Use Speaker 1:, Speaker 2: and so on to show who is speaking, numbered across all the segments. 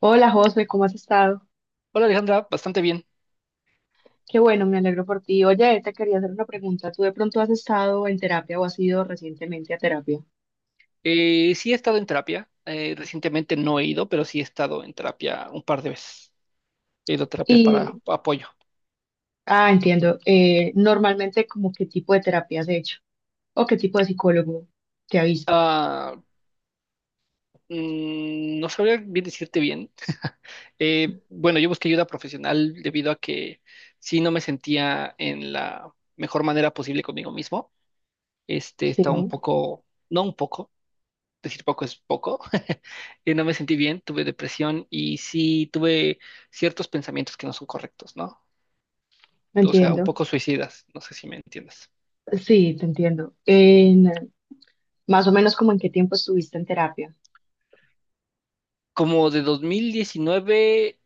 Speaker 1: Hola José, ¿cómo has estado?
Speaker 2: Hola Alejandra, bastante bien.
Speaker 1: Qué bueno, me alegro por ti. Oye, te quería hacer una pregunta. ¿Tú de pronto has estado en terapia o has ido recientemente a terapia?
Speaker 2: Sí he estado en terapia. Recientemente no he ido, pero sí he estado en terapia un par de veces. He ido a terapia para
Speaker 1: Y,
Speaker 2: apoyo.
Speaker 1: Entiendo. Normalmente, ¿como qué tipo de terapia has hecho? ¿O qué tipo de psicólogo te ha visto?
Speaker 2: Ah, no sabría bien decirte bien. Bueno, yo busqué ayuda profesional debido a que sí no me sentía en la mejor manera posible conmigo mismo.
Speaker 1: Sí,
Speaker 2: Estaba un poco, no un poco, decir poco es poco. No me sentí bien, tuve depresión y sí tuve ciertos pensamientos que no son correctos, ¿no? O sea, un
Speaker 1: entiendo.
Speaker 2: poco suicidas, no sé si me entiendes.
Speaker 1: Sí, te entiendo. En, más o menos, ¿como en qué tiempo estuviste en terapia?
Speaker 2: Como de 2019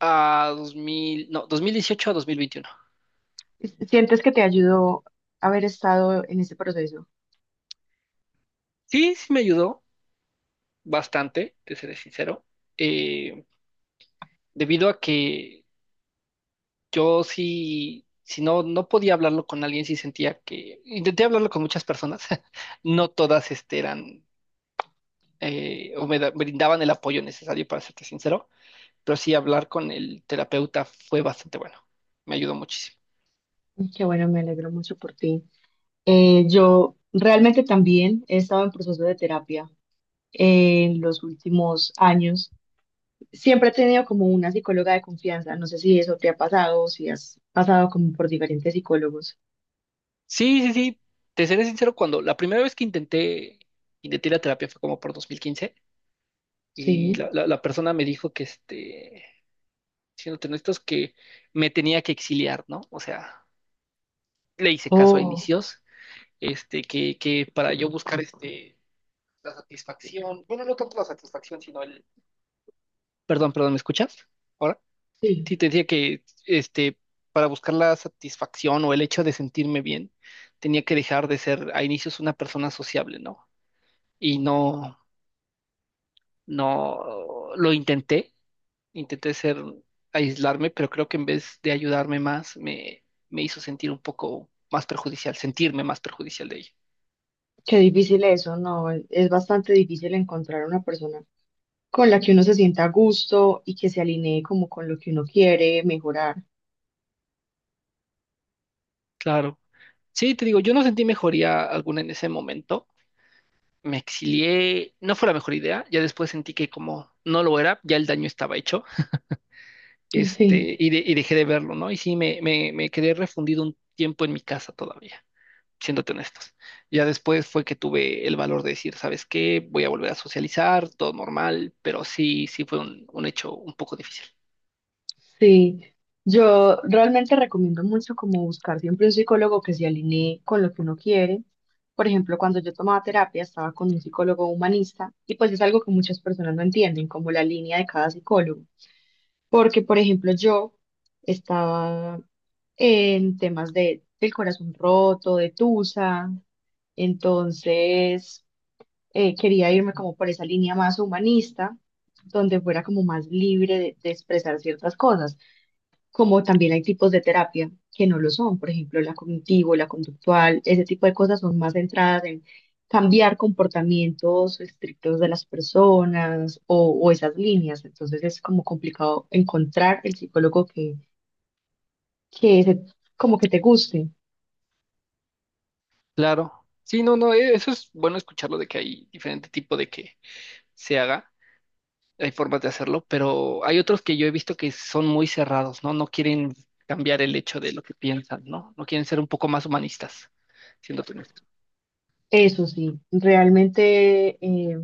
Speaker 2: a 2000, no, 2018 a 2021.
Speaker 1: ¿Sientes que te ayudó haber estado en ese proceso?
Speaker 2: Sí, sí me ayudó bastante, te seré sincero, eh, debido a que yo sí, si no, no podía hablarlo con alguien, sí sentía que, intenté hablarlo con muchas personas, no todas eran, o brindaban el apoyo necesario, para serte sincero, pero sí hablar con el terapeuta fue bastante bueno, me ayudó muchísimo.
Speaker 1: Qué bueno, me alegro mucho por ti. Yo realmente también he estado en proceso de terapia en los últimos años. Siempre he tenido como una psicóloga de confianza. No sé si eso te ha pasado o si has pasado como por diferentes psicólogos.
Speaker 2: Sí, sí, sí. Te seré sincero, cuando la primera vez que intenté la terapia fue como por 2015, y
Speaker 1: Sí.
Speaker 2: la persona me dijo que, siéndote honestos, que me tenía que exiliar, ¿no? O sea, le hice caso a
Speaker 1: Oh,
Speaker 2: inicios, que para yo buscar, la satisfacción, bueno, no tanto la satisfacción, sino el... Perdón, perdón, ¿me escuchas? Ahora,
Speaker 1: sí.
Speaker 2: sí, te decía que, para buscar la satisfacción o el hecho de sentirme bien, tenía que dejar de ser a inicios una persona sociable, ¿no? Y no, no lo intenté, intenté ser, aislarme, pero creo que en vez de ayudarme más, me hizo sentir un poco más perjudicial, sentirme más perjudicial de ella.
Speaker 1: Qué difícil eso, ¿no? Es bastante difícil encontrar una persona con la que uno se sienta a gusto y que se alinee como con lo que uno quiere mejorar.
Speaker 2: Claro. Sí, te digo, yo no sentí mejoría alguna en ese momento. Me exilié, no fue la mejor idea, ya después sentí que como no lo era, ya el daño estaba hecho,
Speaker 1: Sí.
Speaker 2: y dejé de verlo, ¿no? Y sí, me quedé refundido un tiempo en mi casa todavía. Siéndote honestos. Ya después fue que tuve el valor de decir, ¿sabes qué? Voy a volver a socializar, todo normal, pero sí, sí fue un hecho un poco difícil.
Speaker 1: Sí, yo realmente recomiendo mucho como buscar siempre un psicólogo que se alinee con lo que uno quiere. Por ejemplo, cuando yo tomaba terapia estaba con un psicólogo humanista y pues es algo que muchas personas no entienden, como la línea de cada psicólogo. Porque, por ejemplo, yo estaba en temas del corazón roto, de tusa, entonces quería irme como por esa línea más humanista, donde fuera como más libre de expresar ciertas cosas. Como también hay tipos de terapia que no lo son, por ejemplo, la cognitivo, la conductual, ese tipo de cosas son más centradas en cambiar comportamientos estrictos de las personas o esas líneas. Entonces es como complicado encontrar el psicólogo que se- como que te guste.
Speaker 2: Claro. Sí, no, no, eso es bueno escucharlo, de que hay diferente tipo de que se haga, hay formas de hacerlo, pero hay otros que yo he visto que son muy cerrados, ¿no? No quieren cambiar el hecho de lo que piensan, ¿no? No quieren ser un poco más humanistas, siéndote honesto.
Speaker 1: Eso sí, realmente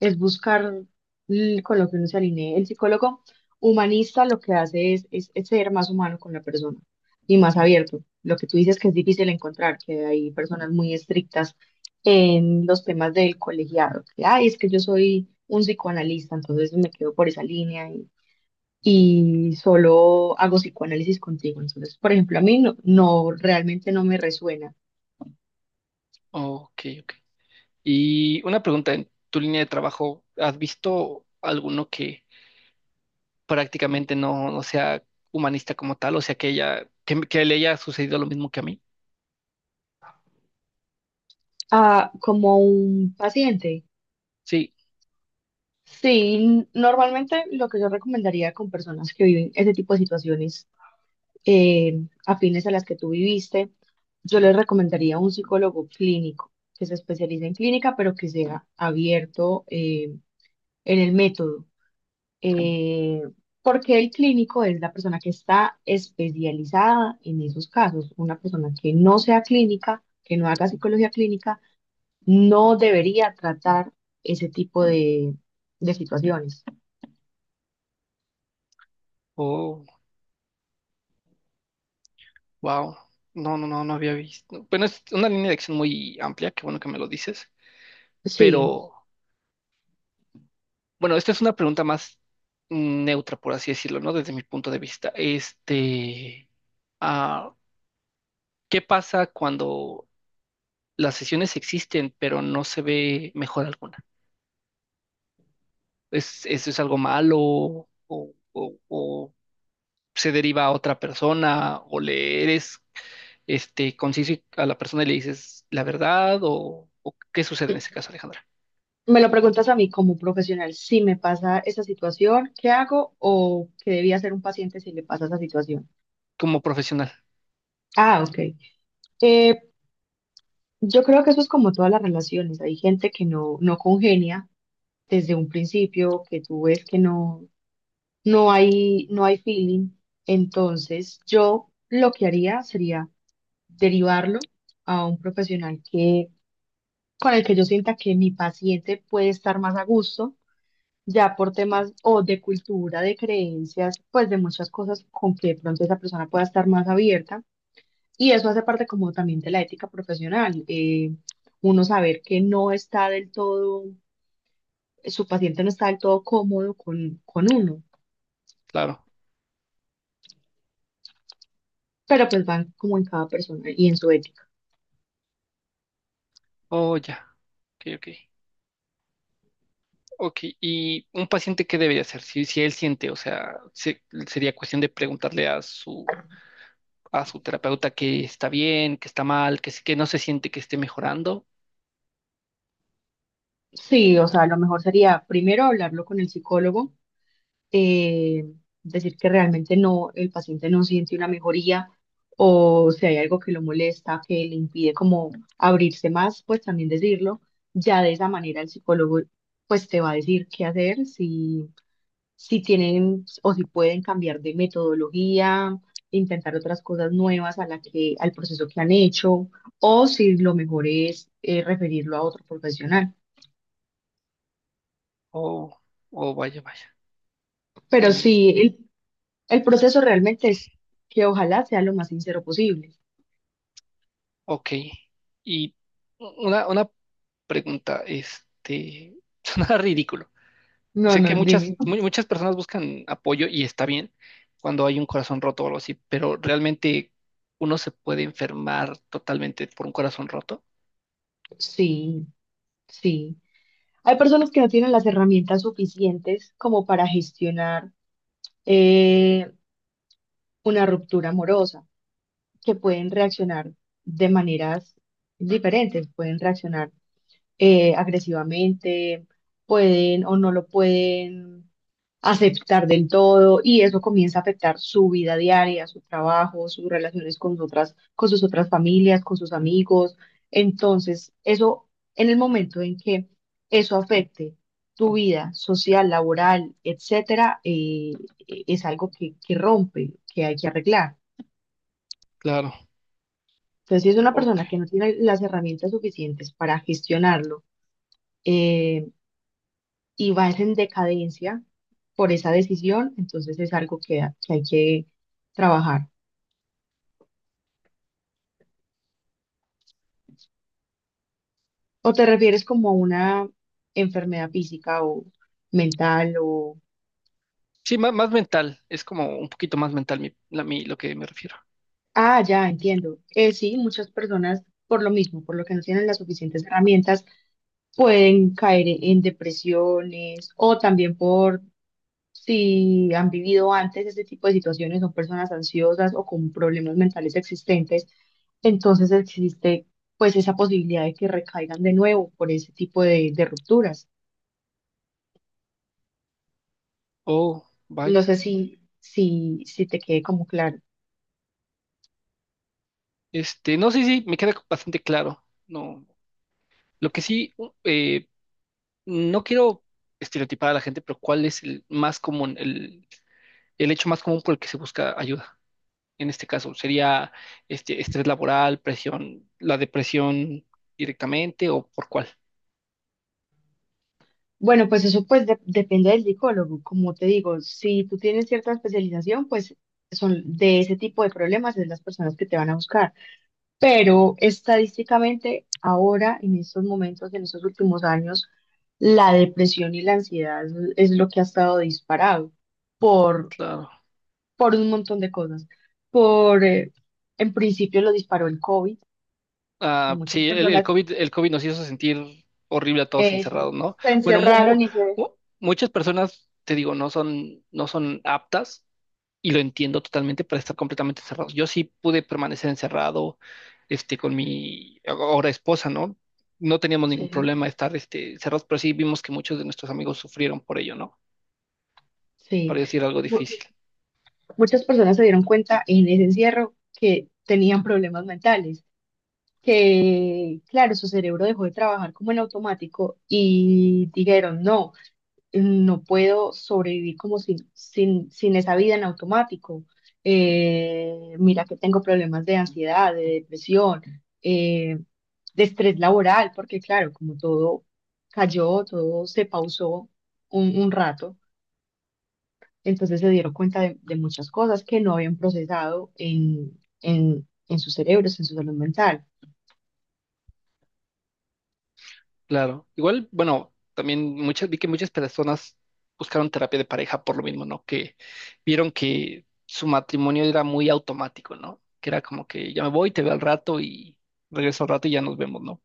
Speaker 1: es buscar con lo que uno se alinee. El psicólogo humanista lo que hace es ser más humano con la persona y más abierto. Lo que tú dices que es difícil encontrar, que hay personas muy estrictas en los temas del colegiado, que, ay, es que yo soy un psicoanalista, entonces me quedo por esa línea y solo hago psicoanálisis contigo. Entonces, por ejemplo, a mí no, no realmente no me resuena
Speaker 2: Ok, ok. Y una pregunta, en tu línea de trabajo, ¿has visto alguno que prácticamente no sea humanista como tal? O sea, que ella, que le haya sucedido lo mismo que a mí.
Speaker 1: como un paciente.
Speaker 2: Sí,
Speaker 1: Sí, normalmente lo que yo recomendaría con personas que viven ese tipo de situaciones afines a las que tú viviste, yo les recomendaría un psicólogo clínico que se especialice en clínica, pero que sea abierto en el método, eh, porque el clínico es la persona que está especializada en esos casos. Una persona que no sea clínica, que no haga psicología clínica, no debería tratar ese tipo de situaciones.
Speaker 2: oh, wow. No, no, no, no había visto. Bueno, es una línea de acción muy amplia, qué bueno que me lo dices,
Speaker 1: Sí.
Speaker 2: pero bueno, esta es una pregunta más neutra, por así decirlo, ¿no? Desde mi punto de vista. Ah, ¿Qué pasa cuando las sesiones existen, pero no se ve mejor alguna? ¿ Eso es algo malo, o, o se deriva a otra persona, o le eres conciso a la persona y le dices la verdad, o qué sucede en ese caso, Alejandra?
Speaker 1: Me lo preguntas a mí como profesional, si me pasa esa situación, ¿qué hago? ¿O qué debía hacer un paciente si le pasa esa situación?
Speaker 2: Como profesional,
Speaker 1: Ah, ok. Eh, yo creo que eso es como todas las relaciones. Hay gente que no, no congenia desde un principio, que tú ves que no hay, no hay feeling. Entonces, yo lo que haría sería derivarlo a un profesional con el que yo sienta que mi paciente puede estar más a gusto ya por temas o de cultura, de creencias, pues de muchas cosas con que de pronto esa persona pueda estar más abierta. Y eso hace parte como también de la ética profesional, uno saber que no está del todo, su paciente no está del todo cómodo con uno,
Speaker 2: claro.
Speaker 1: pero pues van como en cada persona y en su ética.
Speaker 2: Oh, ya. Ok, ok. Ok, y un paciente, ¿qué debería hacer? Si él siente, o sea, sería cuestión de preguntarle a su terapeuta que está bien, que está mal, que no se siente que esté mejorando,
Speaker 1: Sí, o sea, lo mejor sería primero hablarlo con el psicólogo eh, decir que realmente no, el paciente no siente una mejoría o si hay algo que lo molesta, que le impide como abrirse más, pues también decirlo. Ya de esa manera el psicólogo pues te va a decir qué hacer, si tienen o si pueden cambiar de metodología, intentar otras cosas nuevas a la que, al proceso que han hecho, o si lo mejor es referirlo a otro profesional.
Speaker 2: o, o vaya, vaya.
Speaker 1: Pero
Speaker 2: Y,
Speaker 1: sí, el proceso realmente es que ojalá sea lo más sincero posible.
Speaker 2: ok, y una pregunta, suena ridículo.
Speaker 1: No,
Speaker 2: Sé que
Speaker 1: no,
Speaker 2: muchas,
Speaker 1: dime.
Speaker 2: muchas personas buscan apoyo y está bien cuando hay un corazón roto o algo así, pero realmente uno se puede enfermar totalmente por un corazón roto.
Speaker 1: Sí, sí. Hay personas que no tienen las herramientas suficientes como para gestionar eh, una ruptura amorosa, que pueden reaccionar de maneras diferentes, pueden reaccionar agresivamente, pueden o no lo pueden aceptar del todo y eso comienza a afectar su vida diaria, su trabajo, sus relaciones con otras, con sus otras familias, con sus amigos. Entonces, eso en el momento en que eso afecte tu vida social, laboral, etcétera, es algo que rompe, que hay que arreglar.
Speaker 2: Claro,
Speaker 1: Entonces, si es una
Speaker 2: ok.
Speaker 1: persona que no tiene las herramientas suficientes para gestionarlo, eh, y vas en decadencia por esa decisión, entonces es algo que hay que trabajar. ¿O te refieres como a una enfermedad física o mental o...
Speaker 2: Sí, más, mental, es como un poquito más mental lo que me refiero.
Speaker 1: Ah, ya entiendo. Sí, muchas personas por lo mismo, por lo que no tienen las suficientes herramientas, pueden caer en depresiones o también por si han vivido antes este tipo de situaciones, son personas ansiosas o con problemas mentales existentes, entonces existe pues esa posibilidad de que recaigan de nuevo por ese tipo de rupturas.
Speaker 2: Oh,
Speaker 1: No
Speaker 2: vaya.
Speaker 1: sé si te quede como claro.
Speaker 2: No sé si me queda bastante claro. No, lo que sí, no quiero estereotipar a la gente, pero ¿cuál es el más común? El hecho más común por el que se busca ayuda, en este caso, ¿sería estrés laboral, presión, la depresión directamente, o por cuál?
Speaker 1: Bueno, pues eso pues depende del psicólogo. Como te digo, si tú tienes cierta especialización, pues son de ese tipo de problemas es las personas que te van a buscar. Pero estadísticamente ahora, en estos momentos, en estos últimos años, la depresión y la ansiedad es lo que ha estado disparado por,
Speaker 2: Claro.
Speaker 1: por un montón de cosas. Por, en principio lo disparó el COVID, que
Speaker 2: Ah,
Speaker 1: muchas
Speaker 2: sí, el
Speaker 1: personas
Speaker 2: COVID, el COVID nos hizo sentir horrible a todos
Speaker 1: eh, se
Speaker 2: encerrados, ¿no?
Speaker 1: se
Speaker 2: Bueno,
Speaker 1: encerraron y se...
Speaker 2: mu- muchas personas, te digo, no son aptas, y lo entiendo totalmente, para estar completamente encerrados. Yo sí pude permanecer encerrado, con mi ahora esposa, ¿no? No teníamos ningún
Speaker 1: Sí,
Speaker 2: problema de estar, cerrados, pero sí vimos que muchos de nuestros amigos sufrieron por ello, ¿no?
Speaker 1: sí.
Speaker 2: Para decir algo
Speaker 1: Mu-
Speaker 2: difícil,
Speaker 1: Muchas personas se dieron cuenta en ese encierro que tenían problemas mentales. Que, claro, su cerebro dejó de trabajar como en automático y dijeron, no, no puedo sobrevivir como sin esa vida en automático. Mira que tengo problemas de ansiedad, de depresión, eh, de estrés laboral, porque claro, como todo cayó, todo se pausó un rato, entonces se dieron cuenta de muchas cosas que no habían procesado en sus cerebros, en su salud mental.
Speaker 2: claro. Igual, bueno, también vi que muchas personas buscaron terapia de pareja por lo mismo, ¿no? Que vieron que su matrimonio era muy automático, ¿no? Que era como que ya me voy, te veo al rato y regreso al rato y ya nos vemos, ¿no?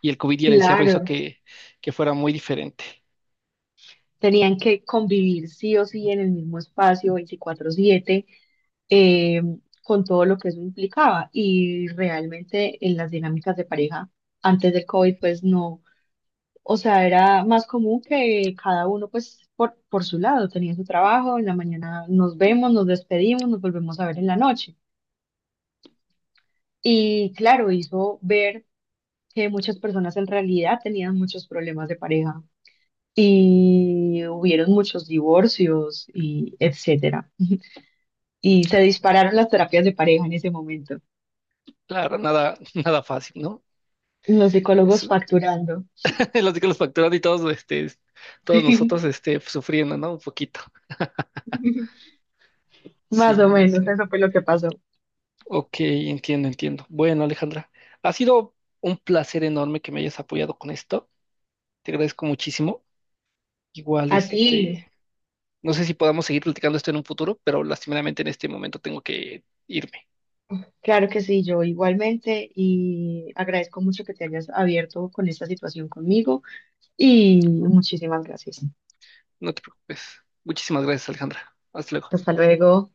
Speaker 2: Y el COVID y el encierro hizo
Speaker 1: Claro.
Speaker 2: que fuera muy diferente.
Speaker 1: Tenían que convivir sí o sí en el mismo espacio 24/7 eh, con todo lo que eso implicaba. Y realmente en las dinámicas de pareja antes del COVID, pues no, o sea, era más común que cada uno pues por su lado tenía su trabajo, en la mañana nos vemos, nos despedimos, nos volvemos a ver en la noche. Y claro, hizo ver que muchas personas en realidad tenían muchos problemas de pareja y hubieron muchos divorcios y etcétera. Y se dispararon las terapias de pareja en ese momento.
Speaker 2: Claro, nada, nada fácil, ¿no?
Speaker 1: Los psicólogos
Speaker 2: Eso,
Speaker 1: facturando.
Speaker 2: los que los facturan y todos, todos nosotros, sufriendo, ¿no? Un poquito.
Speaker 1: Más o
Speaker 2: Sí, lo
Speaker 1: menos,
Speaker 2: entiendo.
Speaker 1: eso fue lo que pasó.
Speaker 2: Ok, entiendo, entiendo. Bueno, Alejandra, ha sido un placer enorme que me hayas apoyado con esto. Te agradezco muchísimo. Igual,
Speaker 1: A ti,
Speaker 2: no sé si podamos seguir platicando esto en un futuro, pero lastimeramente en este momento tengo que irme.
Speaker 1: claro que sí, yo igualmente y agradezco mucho que te hayas abierto con esta situación conmigo y muchísimas gracias.
Speaker 2: No te preocupes. Muchísimas gracias, Alejandra. Hasta luego.
Speaker 1: Hasta luego.